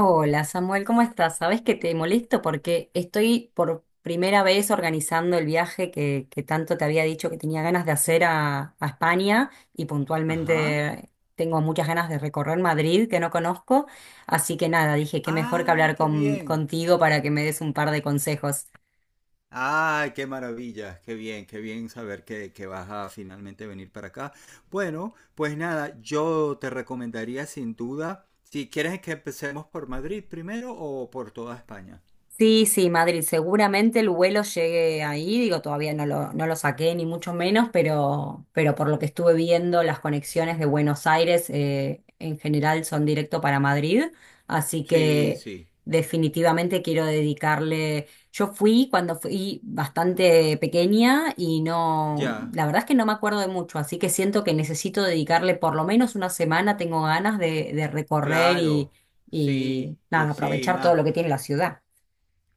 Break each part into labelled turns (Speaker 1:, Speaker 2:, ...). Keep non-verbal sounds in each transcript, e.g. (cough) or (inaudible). Speaker 1: Hola Samuel, ¿cómo estás? Sabes que te molesto porque estoy por primera vez organizando el viaje que tanto te había dicho que tenía ganas de hacer a España y
Speaker 2: Ajá.
Speaker 1: puntualmente tengo muchas ganas de recorrer Madrid que no conozco. Así que nada, dije que mejor que
Speaker 2: ¡Ay,
Speaker 1: hablar
Speaker 2: qué bien!
Speaker 1: contigo para que me des un par de consejos.
Speaker 2: ¡Ay, qué maravilla! Qué bien saber que vas a finalmente venir para acá! Bueno, pues nada, yo te recomendaría sin duda, si quieres que empecemos por Madrid primero o por toda España.
Speaker 1: Sí, sí, Madrid. Seguramente el vuelo llegue ahí. Digo, todavía no lo, no lo saqué, ni mucho menos, pero por lo que estuve viendo, las conexiones de Buenos Aires en general son directo para Madrid. Así
Speaker 2: Sí,
Speaker 1: que
Speaker 2: sí,
Speaker 1: definitivamente quiero dedicarle. Yo fui cuando fui bastante pequeña y no,
Speaker 2: ya,
Speaker 1: la verdad es que no me acuerdo de mucho, así que siento que necesito dedicarle por lo menos una semana. Tengo ganas de recorrer
Speaker 2: claro, sí,
Speaker 1: y
Speaker 2: sí,
Speaker 1: nada,
Speaker 2: sí,
Speaker 1: aprovechar todo
Speaker 2: más.
Speaker 1: lo que tiene la ciudad.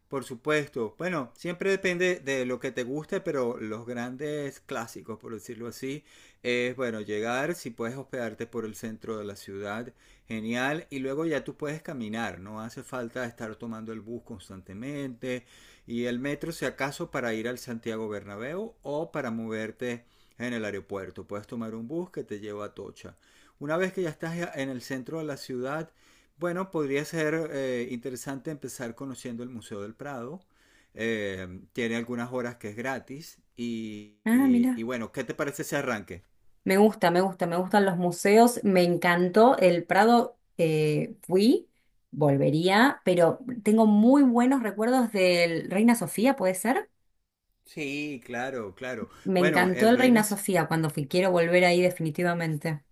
Speaker 2: Por supuesto. Bueno, siempre depende de lo que te guste, pero los grandes clásicos, por decirlo así, es bueno, llegar, si puedes hospedarte por el centro de la ciudad, genial, y luego ya tú puedes caminar, no hace falta estar tomando el bus constantemente y el metro si acaso para ir al Santiago Bernabéu o para moverte en el aeropuerto. Puedes tomar un bus que te lleva a Tocha. Una vez que ya estás en el centro de la ciudad, bueno, podría ser interesante empezar conociendo el Museo del Prado. Tiene algunas horas que es gratis. Y,
Speaker 1: Ah,
Speaker 2: y-
Speaker 1: mira.
Speaker 2: y bueno, ¿qué te parece ese arranque?
Speaker 1: Me gusta, me gusta, me gustan los museos. Me encantó el Prado. Volvería, pero tengo muy buenos recuerdos del Reina Sofía, ¿puede ser?
Speaker 2: Sí, claro, claro.
Speaker 1: Me
Speaker 2: Bueno,
Speaker 1: encantó
Speaker 2: el
Speaker 1: el Reina
Speaker 2: Reinas
Speaker 1: Sofía cuando fui. Quiero volver ahí definitivamente.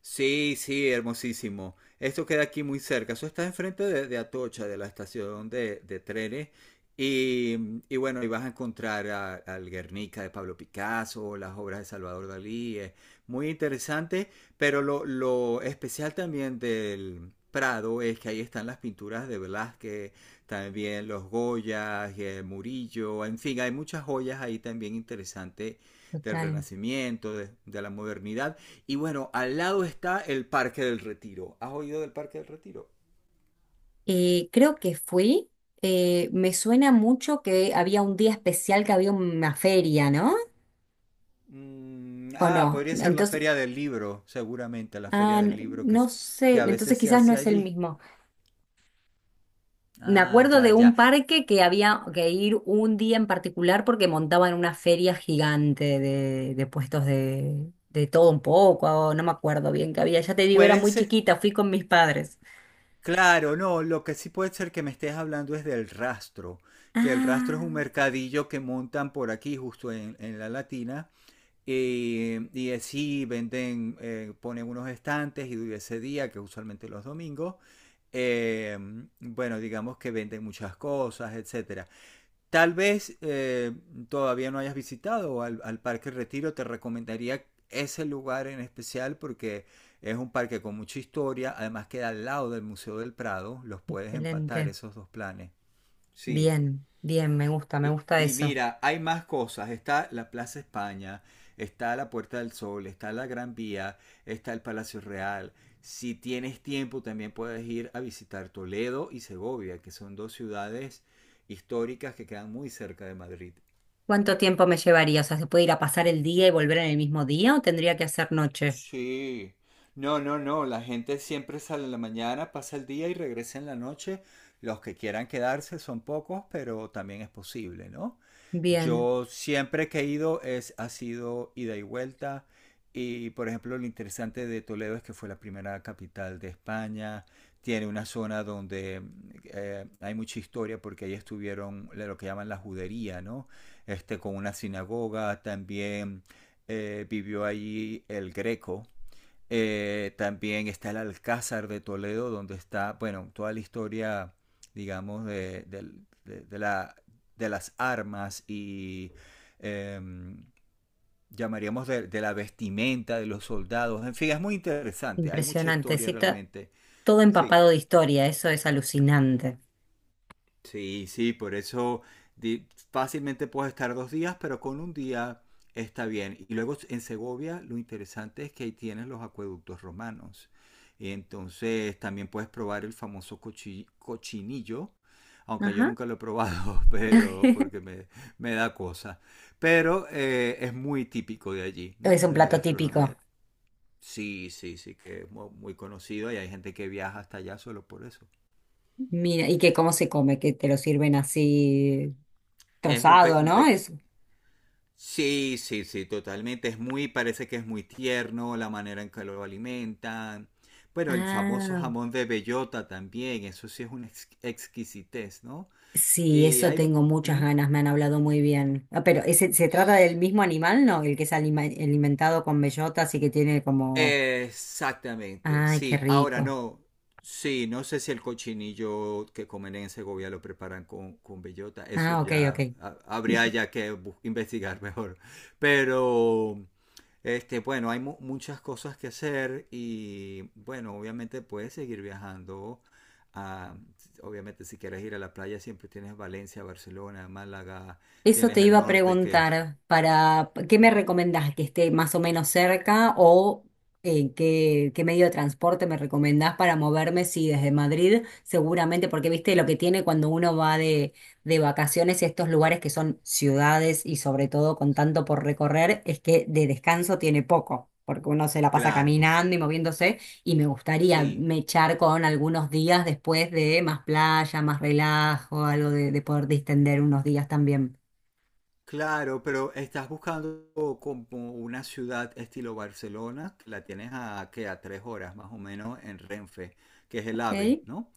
Speaker 2: Sí, sí, hermosísimo. Esto queda aquí muy cerca. Eso está enfrente de Atocha, de la estación de trenes. Y bueno, ahí vas a encontrar al Guernica de Pablo Picasso, las obras de Salvador Dalí. Es muy interesante, pero lo especial también del Prado es que ahí están las pinturas de Velázquez, también los Goyas, Murillo, en fin, hay muchas joyas ahí también interesantes del
Speaker 1: Total.
Speaker 2: Renacimiento, de la modernidad. Y bueno, al lado está el Parque del Retiro. ¿Has oído del Parque del Retiro?
Speaker 1: Creo que fui. Me suena mucho que había un día especial, que había una feria, ¿no? ¿O
Speaker 2: Ah,
Speaker 1: no?
Speaker 2: podría ser la
Speaker 1: Entonces,
Speaker 2: Feria del Libro, seguramente, la
Speaker 1: ah,
Speaker 2: Feria del Libro
Speaker 1: no sé.
Speaker 2: que a veces
Speaker 1: Entonces
Speaker 2: se
Speaker 1: quizás no
Speaker 2: hace
Speaker 1: es el
Speaker 2: allí.
Speaker 1: mismo. Me
Speaker 2: Ah,
Speaker 1: acuerdo
Speaker 2: ya,
Speaker 1: de
Speaker 2: ya.
Speaker 1: un parque que había que ir un día en particular porque montaban una feria gigante de puestos de todo un poco, o no me acuerdo bien qué había. Ya te digo, era
Speaker 2: Puede
Speaker 1: muy
Speaker 2: ser,
Speaker 1: chiquita, fui con mis padres.
Speaker 2: claro, no, lo que sí puede ser que me estés hablando es del rastro, que el rastro es un
Speaker 1: Ah,
Speaker 2: mercadillo que montan por aquí, justo en la Latina. Y así venden, ponen unos estantes y ese día, que usualmente los domingos, eh, bueno, digamos que venden muchas cosas, etcétera. Tal vez todavía no hayas visitado al Parque Retiro, te recomendaría ese lugar en especial porque es un parque con mucha historia, además queda al lado del Museo del Prado, los puedes empatar
Speaker 1: excelente.
Speaker 2: esos dos planes. Sí,
Speaker 1: Bien, bien, me
Speaker 2: y,
Speaker 1: gusta
Speaker 2: y
Speaker 1: eso.
Speaker 2: mira, hay más cosas. Está la Plaza España, está la Puerta del Sol, está la Gran Vía, está el Palacio Real. Si tienes tiempo, también puedes ir a visitar Toledo y Segovia, que son dos ciudades históricas que quedan muy cerca de Madrid.
Speaker 1: ¿Cuánto tiempo me llevaría? O sea, ¿se puede ir a pasar el día y volver en el mismo día o tendría que hacer noche?
Speaker 2: Sí. No, no, no. La gente siempre sale en la mañana, pasa el día y regresa en la noche. Los que quieran quedarse son pocos, pero también es posible, ¿no?
Speaker 1: Bien,
Speaker 2: Yo siempre que he ido ha sido ida y vuelta. Y, por ejemplo, lo interesante de Toledo es que fue la primera capital de España. Tiene una zona donde hay mucha historia porque ahí estuvieron lo que llaman la judería, ¿no? Este, con una sinagoga, también vivió allí el Greco. También está el Alcázar de Toledo, donde está, bueno, toda la historia, digamos, de, de la, de las armas y eh, llamaríamos de la vestimenta de los soldados. En fin, es muy interesante, hay mucha
Speaker 1: impresionante.
Speaker 2: historia
Speaker 1: Sí, está
Speaker 2: realmente.
Speaker 1: todo
Speaker 2: Sí.
Speaker 1: empapado de historia, eso es alucinante.
Speaker 2: Sí, sí, por eso di- fácilmente puedes estar 2 días, pero con un día está bien. Y luego en Segovia lo interesante es que ahí tienes los acueductos romanos. Y entonces también puedes probar el famoso cochinillo, aunque yo
Speaker 1: Ajá.
Speaker 2: nunca lo he probado, (laughs) pero
Speaker 1: (laughs)
Speaker 2: porque me da cosa. Pero es muy típico de allí, ¿no?
Speaker 1: Es un
Speaker 2: La
Speaker 1: plato típico.
Speaker 2: gastronomía. Sí, sí, sí, que es muy conocido y hay gente que viaja hasta allá solo por eso.
Speaker 1: Mira, ¿y que cómo se come? Que te lo sirven así
Speaker 2: Es un, pe-
Speaker 1: trozado,
Speaker 2: un
Speaker 1: ¿no? Es…
Speaker 2: peque- Sí, sí, sí, totalmente. Parece que es muy tierno la manera en que lo alimentan. Bueno, el famoso
Speaker 1: Ah,
Speaker 2: jamón de bellota también, eso sí es una exquisitez, ¿no?
Speaker 1: sí,
Speaker 2: Y
Speaker 1: eso
Speaker 2: hay...
Speaker 1: tengo muchas
Speaker 2: mm,
Speaker 1: ganas, me han hablado muy bien. Ah, pero ese, ¿se trata del mismo animal, no? El que es alimentado con bellotas y que tiene como…
Speaker 2: Exactamente,
Speaker 1: Ay, qué
Speaker 2: sí. Ahora
Speaker 1: rico.
Speaker 2: no, sí, no sé si el cochinillo que comen en Segovia lo preparan con bellota. Eso
Speaker 1: Ah, ok,
Speaker 2: ya
Speaker 1: ok.
Speaker 2: habría
Speaker 1: (laughs)
Speaker 2: ya que investigar (laughs) mejor. Pero, este, bueno, hay muchas cosas que hacer y, bueno, obviamente puedes seguir viajando. a- Obviamente, si quieres ir a la playa, siempre tienes Valencia, Barcelona, Málaga,
Speaker 1: Eso te
Speaker 2: tienes
Speaker 1: iba
Speaker 2: el
Speaker 1: a
Speaker 2: norte que...
Speaker 1: preguntar, para, ¿qué me
Speaker 2: Ujú.
Speaker 1: recomendás? ¿Que esté más o menos cerca o qué, qué medio de transporte me recomendás para moverme? Sí, desde Madrid, seguramente, porque viste lo que tiene cuando uno va de vacaciones y estos lugares que son ciudades y sobre todo con tanto por recorrer, es que de descanso tiene poco, porque uno se la pasa
Speaker 2: Claro,
Speaker 1: caminando y moviéndose y me gustaría
Speaker 2: sí.
Speaker 1: mechar con algunos días después de más playa, más relajo, algo de poder distender unos días también.
Speaker 2: Claro, pero estás buscando como una ciudad estilo Barcelona, que la tienes a, ¿qué?, a 3 horas más o menos en Renfe, que es el AVE,
Speaker 1: Ok.
Speaker 2: ¿no?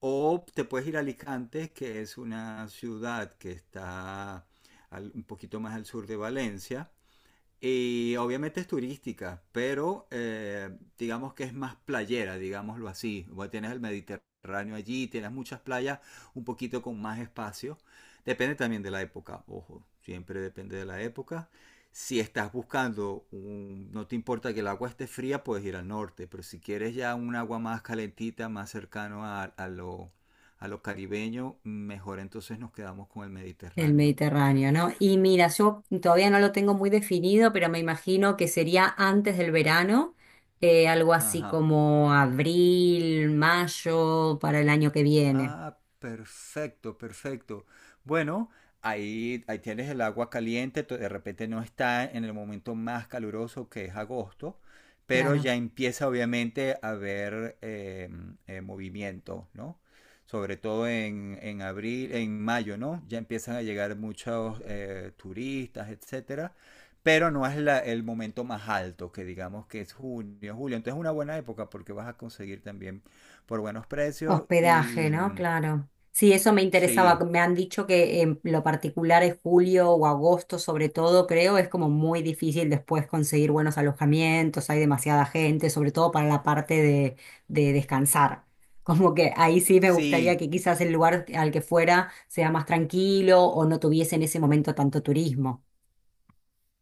Speaker 2: O te puedes ir a Alicante, que es una ciudad que está un poquito más al sur de Valencia, y obviamente es turística, pero digamos que es más playera, digámoslo así. Bueno, tienes el Mediterráneo allí, tienes muchas playas un poquito con más espacio. Depende también de la época, ojo, siempre depende de la época. Si estás buscando, no te importa que el agua esté fría, puedes ir al norte, pero si quieres ya un agua más calentita, más cercano a lo caribeño, mejor entonces nos quedamos con el
Speaker 1: El
Speaker 2: Mediterráneo.
Speaker 1: Mediterráneo, ¿no? Y mira, yo todavía no lo tengo muy definido, pero me imagino que sería antes del verano, algo así
Speaker 2: Ajá.
Speaker 1: como abril, mayo, para el año que viene.
Speaker 2: Ah, perfecto, perfecto. Bueno, ahí tienes el agua caliente, de repente no está en el momento más caluroso que es agosto, pero
Speaker 1: Claro.
Speaker 2: ya empieza obviamente a haber movimiento, ¿no? Sobre todo en abril, en mayo, ¿no? Ya empiezan a llegar muchos turistas, etcétera, pero no es el momento más alto, que digamos que es junio, julio. Entonces es una buena época porque vas a conseguir también por buenos precios
Speaker 1: Hospedaje,
Speaker 2: y
Speaker 1: ¿no? Claro. Sí, eso me interesaba.
Speaker 2: sí,
Speaker 1: Me han dicho que en lo particular es julio o agosto, sobre todo, creo, es como muy difícil después conseguir buenos alojamientos, hay demasiada gente, sobre todo para la parte de descansar. (laughs) Como que ahí sí me gustaría
Speaker 2: sí,
Speaker 1: que quizás el lugar al que fuera sea más tranquilo o no tuviese en ese momento tanto turismo.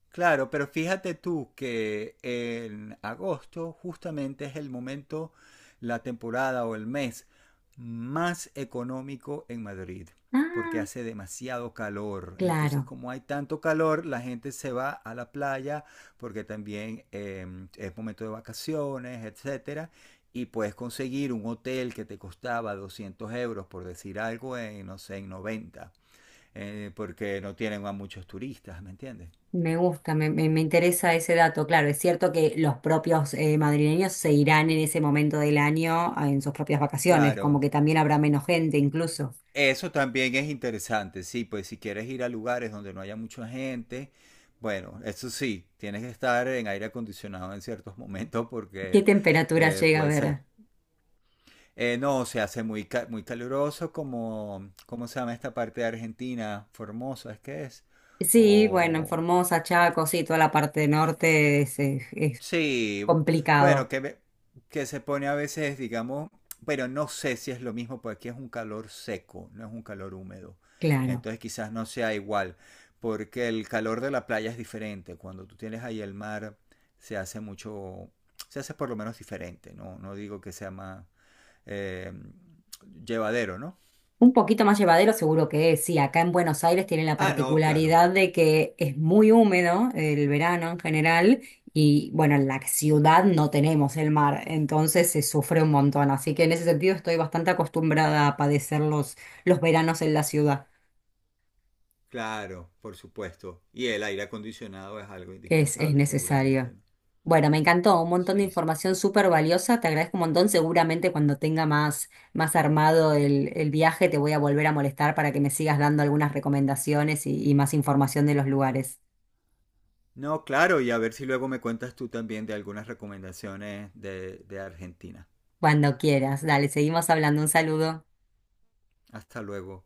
Speaker 2: claro, pero fíjate tú que en agosto justamente es el momento, la temporada o el mes más económico en Madrid, porque
Speaker 1: Ah,
Speaker 2: hace demasiado calor. Entonces,
Speaker 1: claro.
Speaker 2: como hay tanto calor, la gente se va a la playa porque también es momento de vacaciones, etcétera. Y puedes conseguir un hotel que te costaba 200 euros, por decir algo, en, no sé, en 90, porque no tienen a muchos turistas, ¿me entiendes?
Speaker 1: Me gusta, me interesa ese dato. Claro, es cierto que los propios madrileños se irán en ese momento del año en sus propias vacaciones, como
Speaker 2: Claro.
Speaker 1: que también habrá menos gente incluso.
Speaker 2: Eso también es interesante, sí, pues si quieres ir a lugares donde no haya mucha gente, bueno, eso sí, tienes que estar en aire acondicionado en ciertos (laughs) momentos
Speaker 1: ¿Qué
Speaker 2: porque
Speaker 1: temperatura llega a
Speaker 2: puede ser.
Speaker 1: ver?
Speaker 2: No, se hace muy caluroso como, ¿cómo se llama esta parte de Argentina? Formosa, ¿es que es?
Speaker 1: Sí, bueno, en
Speaker 2: O,
Speaker 1: Formosa, Chaco, sí, toda la parte norte es
Speaker 2: Sí, bueno,
Speaker 1: complicado.
Speaker 2: que se pone a veces, digamos, pero no sé si es lo mismo, porque aquí es un calor seco, no es un calor húmedo.
Speaker 1: Claro.
Speaker 2: Entonces quizás no sea igual, porque el calor de la playa es diferente. Cuando tú tienes ahí el mar, se hace mucho, se hace por lo menos diferente, ¿no? No digo que sea más eh, llevadero, ¿no?
Speaker 1: Un poquito más llevadero seguro que es, sí, acá en Buenos Aires tiene la
Speaker 2: Ah, no, claro,
Speaker 1: particularidad de que es muy húmedo el verano en general y bueno, en la ciudad no tenemos el mar, entonces se sufre un montón, así que en ese sentido estoy bastante acostumbrada a padecer los veranos en la ciudad.
Speaker 2: claro, por supuesto. Y el aire acondicionado es algo
Speaker 1: Es
Speaker 2: indispensable, seguramente,
Speaker 1: necesario.
Speaker 2: ¿no?
Speaker 1: Bueno, me encantó, un montón de
Speaker 2: Sí,
Speaker 1: información súper valiosa, te agradezco un montón, seguramente cuando tenga más, más armado el viaje te voy a volver a molestar para que me sigas dando algunas recomendaciones y más información de los lugares.
Speaker 2: no, claro, y a ver si luego me cuentas tú también de algunas recomendaciones de Argentina.
Speaker 1: Cuando quieras, dale, seguimos hablando, un saludo.
Speaker 2: Hasta luego.